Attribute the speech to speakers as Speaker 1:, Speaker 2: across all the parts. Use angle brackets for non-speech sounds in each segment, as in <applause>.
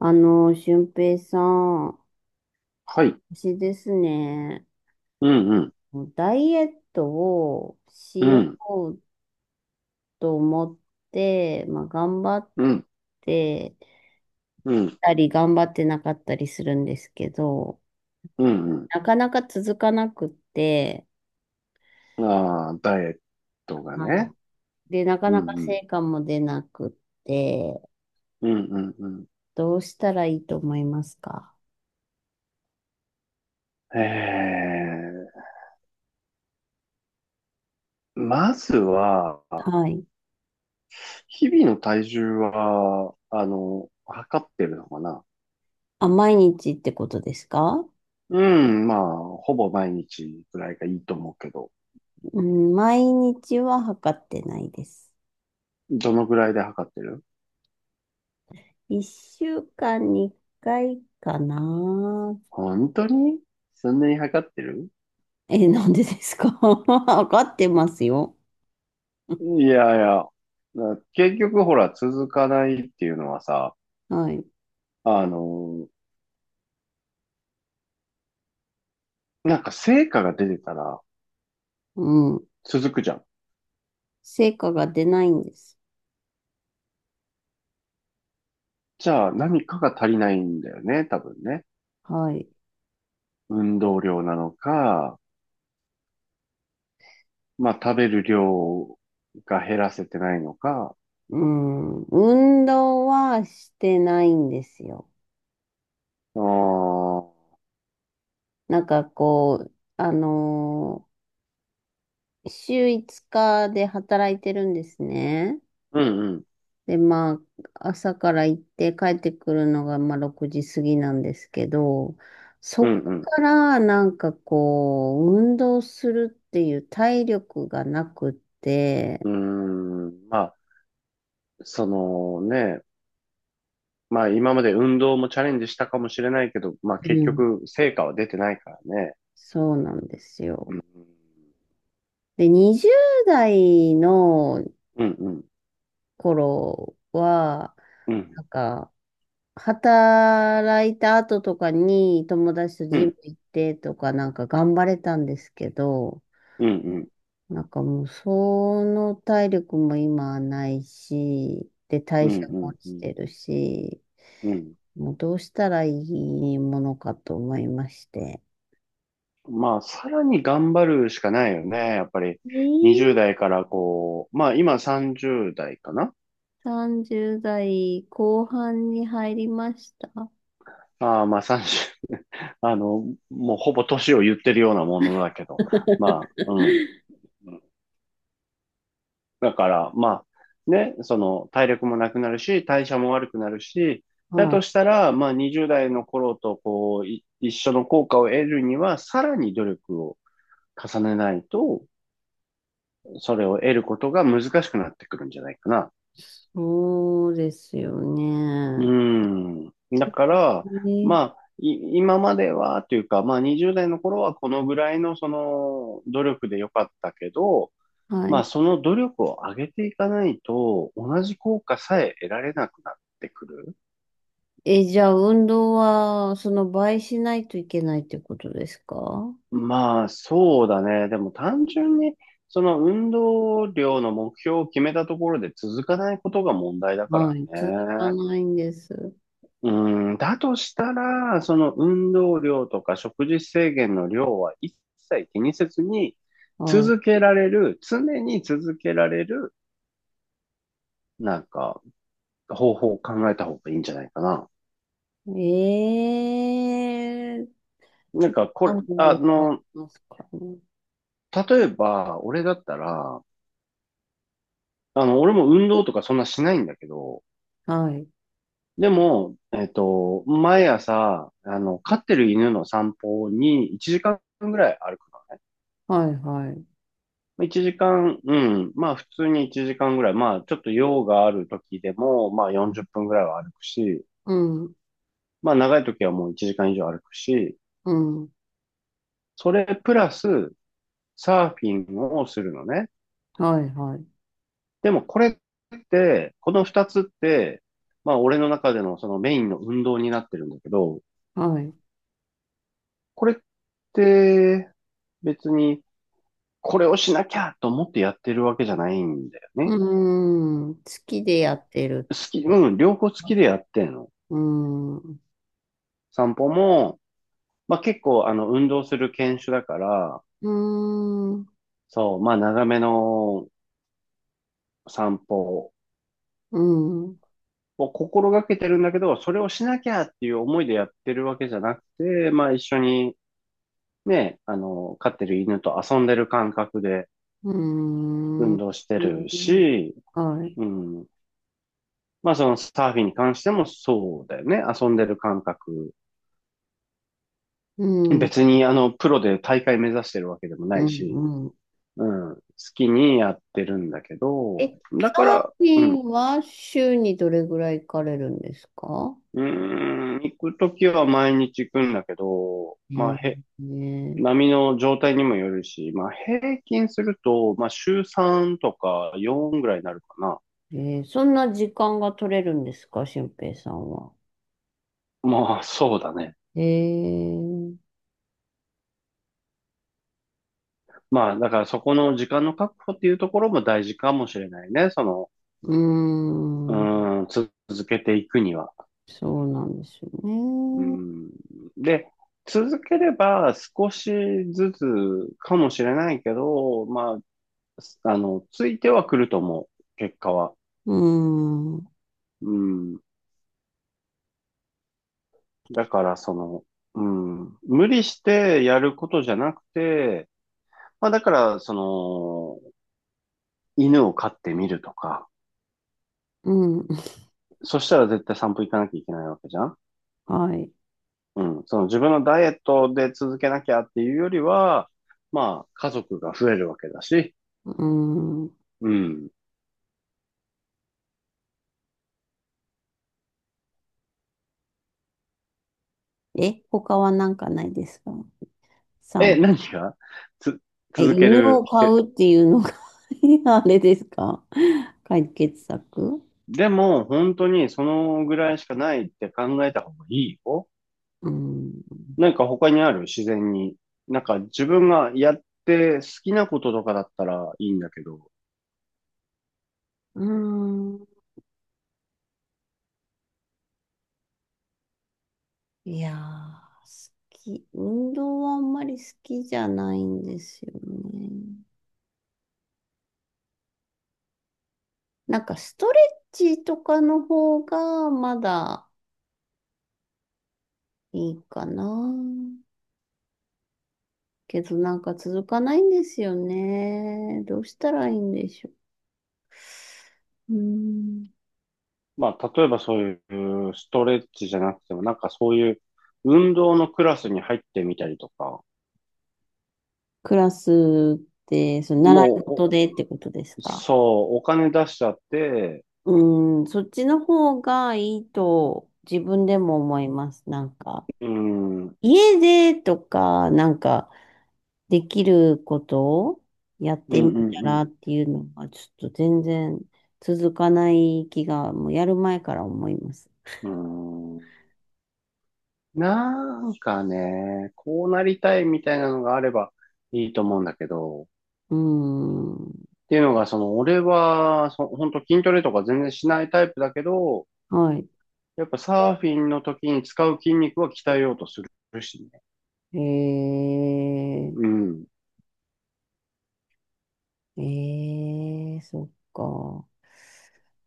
Speaker 1: 俊平さん、
Speaker 2: はい。
Speaker 1: 私ですね、
Speaker 2: うんうん。
Speaker 1: ダイエットを
Speaker 2: う
Speaker 1: しよ
Speaker 2: ん。
Speaker 1: うと思って、頑張っ
Speaker 2: うん。
Speaker 1: て
Speaker 2: うん。
Speaker 1: たり、頑張ってなかったりするんですけど、
Speaker 2: うん
Speaker 1: なかなか続かなくって、
Speaker 2: うん。ああ、ダイエットがね。
Speaker 1: はい。で、なか
Speaker 2: うん
Speaker 1: なか
Speaker 2: うん。
Speaker 1: 成果も出なくって、
Speaker 2: うんうんうん。
Speaker 1: どうしたらいいと思いますか？
Speaker 2: えまずは、
Speaker 1: はい。
Speaker 2: 日々の体重は、測ってるのかな？
Speaker 1: あ、毎日ってことですか？
Speaker 2: うん、まあ、ほぼ毎日ぐらいがいいと思うけど。
Speaker 1: うん、毎日は測ってないです。
Speaker 2: どのぐらいで測ってる？
Speaker 1: 一週間に一回かな。
Speaker 2: 本当にそんなに測ってる？
Speaker 1: <laughs> え、なんでですか？ <laughs> わかってますよ。
Speaker 2: いやいや、結局ほら、続かないっていうのはさ、
Speaker 1: はい。
Speaker 2: あの、なんか成果が出てたら
Speaker 1: うん。
Speaker 2: 続くじゃん。
Speaker 1: 成果が出ないんです。
Speaker 2: じゃあ何かが足りないんだよね、多分ね。
Speaker 1: はい。
Speaker 2: 運動量なのか、まあ食べる量が減らせてないのか。
Speaker 1: うん。運動はしてないんですよ。
Speaker 2: あー、
Speaker 1: なんかこう、あの週5日で働いてるんですね。
Speaker 2: うんうん、
Speaker 1: で、まあ、朝から行って帰ってくるのが、まあ、6時過ぎなんですけど、
Speaker 2: う
Speaker 1: そこ
Speaker 2: ん
Speaker 1: からなんかこう、運動するっていう体力がなくって、
Speaker 2: うん、うん、まあ、そのね、まあ今まで運動もチャレンジしたかもしれないけど、まあ
Speaker 1: う
Speaker 2: 結
Speaker 1: ん。
Speaker 2: 局成果は出てないからね。
Speaker 1: そうなんですよ。で、20代の
Speaker 2: うん、
Speaker 1: 頃は、
Speaker 2: うん、
Speaker 1: なんか、働いた後とかに友達と
Speaker 2: う
Speaker 1: ジム
Speaker 2: ん、
Speaker 1: 行ってとかなんか頑張れたんですけど、
Speaker 2: うん、うん、
Speaker 1: なんかもう、その体力も今はないし、で、
Speaker 2: う
Speaker 1: 代
Speaker 2: ん、う
Speaker 1: 謝
Speaker 2: ん、う
Speaker 1: も
Speaker 2: ん、
Speaker 1: 落
Speaker 2: う
Speaker 1: ち
Speaker 2: ん、
Speaker 1: てるし、
Speaker 2: うん。
Speaker 1: もうどうしたらいいものかと思いまして。
Speaker 2: まあ、さらに頑張るしかないよね。やっぱり、
Speaker 1: えー、
Speaker 2: 20代からこう、まあ今30代かな？
Speaker 1: 30代後半に入りました。
Speaker 2: ああ、まあ30、<laughs> あの、もうほぼ年を言ってるようなものだけど、まあ、うん。だから、まあ、ね、その、体力もなくなるし、代謝も悪くなるし、だ
Speaker 1: はい。
Speaker 2: としたら、まあ20代の頃とこう、一緒の効果を得るには、さらに努力を重ねないと、それを得ることが難しくなってくるんじゃないかな。
Speaker 1: そうですよ
Speaker 2: う
Speaker 1: ね。
Speaker 2: ん。だから、ま
Speaker 1: え、
Speaker 2: あ、今まではというか、まあ20代の頃はこのぐらいのその努力でよかったけど、
Speaker 1: は
Speaker 2: まあ
Speaker 1: い。
Speaker 2: その努力を上げていかないと同じ効果さえ得られなくなってくる。
Speaker 1: え、じゃあ運動は、その倍しないといけないってことですか？
Speaker 2: まあそうだね。でも単純にその運動量の目標を決めたところで続かないことが問題だか
Speaker 1: はい。続
Speaker 2: ら
Speaker 1: か
Speaker 2: ね。
Speaker 1: ないんです。
Speaker 2: うーん、だとしたら、その運動量とか食事制限の量は一切気にせずに、
Speaker 1: はい。
Speaker 2: 続けられる、常に続けられる、なんか、方法を考えた方がいいんじゃないかな。
Speaker 1: ええ、
Speaker 2: なんか、これ、
Speaker 1: 何本かありますかね。
Speaker 2: 例えば、俺だったら、俺も運動とかそんなしないんだけど、
Speaker 1: はい。
Speaker 2: でも、毎朝、飼ってる犬の散歩に1時間ぐらい歩く。
Speaker 1: はい、はい。
Speaker 2: 一時間、うん。まあ普通に1時間ぐらい。まあちょっと用がある時でも、まあ40分ぐらいは歩くし、
Speaker 1: うん、
Speaker 2: まあ長い時はもう1時間以上歩くし、
Speaker 1: うん。
Speaker 2: それプラスサーフィンをするのね。
Speaker 1: はい、はい。
Speaker 2: でもこれって、この2つって、まあ俺の中でのそのメインの運動になってるんだけど、
Speaker 1: はい。
Speaker 2: これって別にこれをしなきゃと思ってやってるわけじゃないんだよね。
Speaker 1: うーん。好きでやってる。
Speaker 2: 好き、うん、両方好きでやってんの。
Speaker 1: うーん。
Speaker 2: 散歩も、まあ結構運動する犬種だから、
Speaker 1: うーん。
Speaker 2: そう、まあ長めの散歩
Speaker 1: うん。う
Speaker 2: を心がけてるんだけど、それをしなきゃっていう思いでやってるわけじゃなくて、まあ一緒にね、飼ってる犬と遊んでる感覚で
Speaker 1: ーん。
Speaker 2: 運
Speaker 1: う
Speaker 2: 動して
Speaker 1: ー
Speaker 2: る
Speaker 1: ん、
Speaker 2: し、
Speaker 1: はい。
Speaker 2: うん。まあそのサーフィンに関してもそうだよね。遊んでる感覚。
Speaker 1: うん。
Speaker 2: 別にプロで大会目指してるわけでもな
Speaker 1: う
Speaker 2: いし、
Speaker 1: ん。うん。
Speaker 2: うん。好きにやってるんだけど、
Speaker 1: え、
Speaker 2: だ
Speaker 1: サ
Speaker 2: か
Speaker 1: ー
Speaker 2: ら、
Speaker 1: フ
Speaker 2: う
Speaker 1: ィ
Speaker 2: ん。
Speaker 1: ンは週にどれぐらい行かれるんですか？
Speaker 2: うーん、行くときは毎日行くんだけど、
Speaker 1: え
Speaker 2: まあ、
Speaker 1: え、ね
Speaker 2: 波の状態にもよるし、まあ、平均すると、まあ、週3とか4ぐらいになるかな。
Speaker 1: え、ーそんな時間が取れるんですか、俊平さんは。
Speaker 2: まあ、そうだね。
Speaker 1: えー、
Speaker 2: まあ、だからそこの時間の確保っていうところも大事かもしれないね。その、
Speaker 1: うーん、
Speaker 2: 続けていくには。
Speaker 1: そうなんですよ
Speaker 2: うー
Speaker 1: ね。
Speaker 2: ん。で、続ければ少しずつかもしれないけど、まあ、ついてはくると思う。結果は。
Speaker 1: うーん、
Speaker 2: うん。だからその、うん、無理してやることじゃなくて、まあだからその、犬を飼ってみるとか、
Speaker 1: うん、
Speaker 2: そしたら絶対散歩行かなきゃいけないわけじゃん？
Speaker 1: はい。
Speaker 2: うん、その自分のダイエットで続けなきゃっていうよりは、まあ家族が増えるわけだし、
Speaker 1: うーん。
Speaker 2: うん。
Speaker 1: え、他はなんかないですか？
Speaker 2: え、
Speaker 1: 散、
Speaker 2: 何がつ、
Speaker 1: え、
Speaker 2: 続け
Speaker 1: 犬
Speaker 2: る
Speaker 1: を
Speaker 2: 秘
Speaker 1: 飼
Speaker 2: 訣？
Speaker 1: うっていうのが <laughs> あれですか？解決策？
Speaker 2: でも本当にそのぐらいしかないって考えた方がいいよ。
Speaker 1: うーん。
Speaker 2: なんか他にある？自然に。なんか自分がやって好きなこととかだったらいいんだけど、
Speaker 1: うーん。いやー、好き。運動はあんまり好きじゃないんですよね。なんかストレッチとかの方がまだいいかな。けどなんか続かないんですよね。どうしたらいいんでしょう。うーん。
Speaker 2: まあ例えばそういうストレッチじゃなくても、なんかそういう運動のクラスに入ってみたりとか、
Speaker 1: クラスってその習い事
Speaker 2: も
Speaker 1: でってことです
Speaker 2: う、お
Speaker 1: か。
Speaker 2: そう、お金出しちゃって、
Speaker 1: うーん、そっちの方がいいと自分でも思います。なんか、
Speaker 2: うん、うん、
Speaker 1: 家でとか、なんか、できることをやっ
Speaker 2: う
Speaker 1: てみたら
Speaker 2: ん、
Speaker 1: っていうのが、ちょっと全然続かない気が、もうやる前から思います。
Speaker 2: うん、うん。なんかね、こうなりたいみたいなのがあればいいと思うんだけど、
Speaker 1: うーん。
Speaker 2: っていうのが、その、俺は、本当筋トレとか全然しないタイプだけど、
Speaker 1: はい。
Speaker 2: やっぱサーフィンの時に使う筋肉は鍛えようとするしね。
Speaker 1: え
Speaker 2: うん。
Speaker 1: ー、えー、そっか。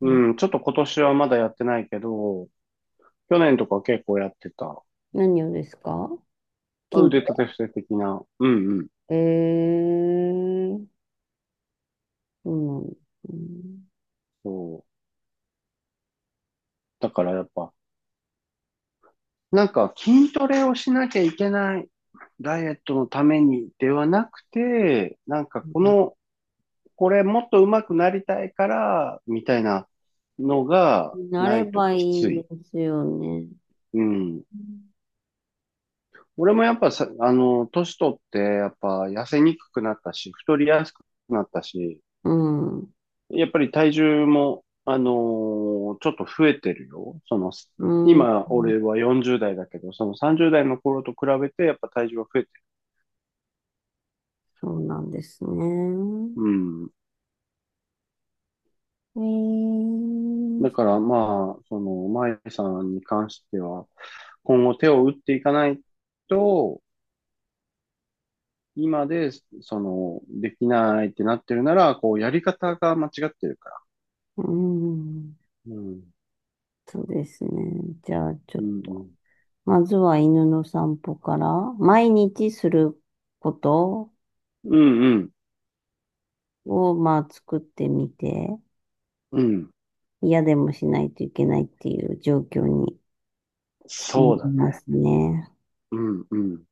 Speaker 1: ん、
Speaker 2: うん。ちょっと今年はまだやってないけど、去年とか結構やってた。ま
Speaker 1: 何をですか？
Speaker 2: あ
Speaker 1: 筋ト
Speaker 2: 腕立て伏せ的な。うんうん。
Speaker 1: レ？えー、そうなんですね。う
Speaker 2: そう。だからやっぱ、なんか筋トレをしなきゃいけない。ダイエットのためにではなくて、なんかこの、これもっと上手くなりたいから、みたいなのが
Speaker 1: んな
Speaker 2: な
Speaker 1: れ
Speaker 2: いと
Speaker 1: ばい
Speaker 2: き
Speaker 1: い
Speaker 2: つ
Speaker 1: んで
Speaker 2: い。
Speaker 1: すよね。
Speaker 2: うん。俺もやっぱさ、年取って、やっぱ痩せにくくなったし、太りやすくなったし、
Speaker 1: うん。
Speaker 2: やっぱり体重も、ちょっと増えてるよ。その、
Speaker 1: うん。う
Speaker 2: 今、
Speaker 1: ん、
Speaker 2: 俺は40代だけど、その30代の頃と比べて、やっぱ体重は増えてる。
Speaker 1: そうなんですね。
Speaker 2: うん。
Speaker 1: えー、
Speaker 2: だからまあ、その、舞さんに関しては、今後手を打っていかないと、今で、その、できないってなってるなら、こう、やり方が間違ってるから。
Speaker 1: うん、
Speaker 2: うん。
Speaker 1: そうですね。じゃあ、ちょ
Speaker 2: う
Speaker 1: っ
Speaker 2: んう
Speaker 1: と、
Speaker 2: ん。
Speaker 1: まずは犬の散歩から、毎日すること
Speaker 2: うんうん。
Speaker 1: を、まあ、作ってみて、
Speaker 2: うん。
Speaker 1: 嫌でもしないといけないっていう状況にして
Speaker 2: そうだ
Speaker 1: みま
Speaker 2: ね。
Speaker 1: すね。
Speaker 2: うんうん。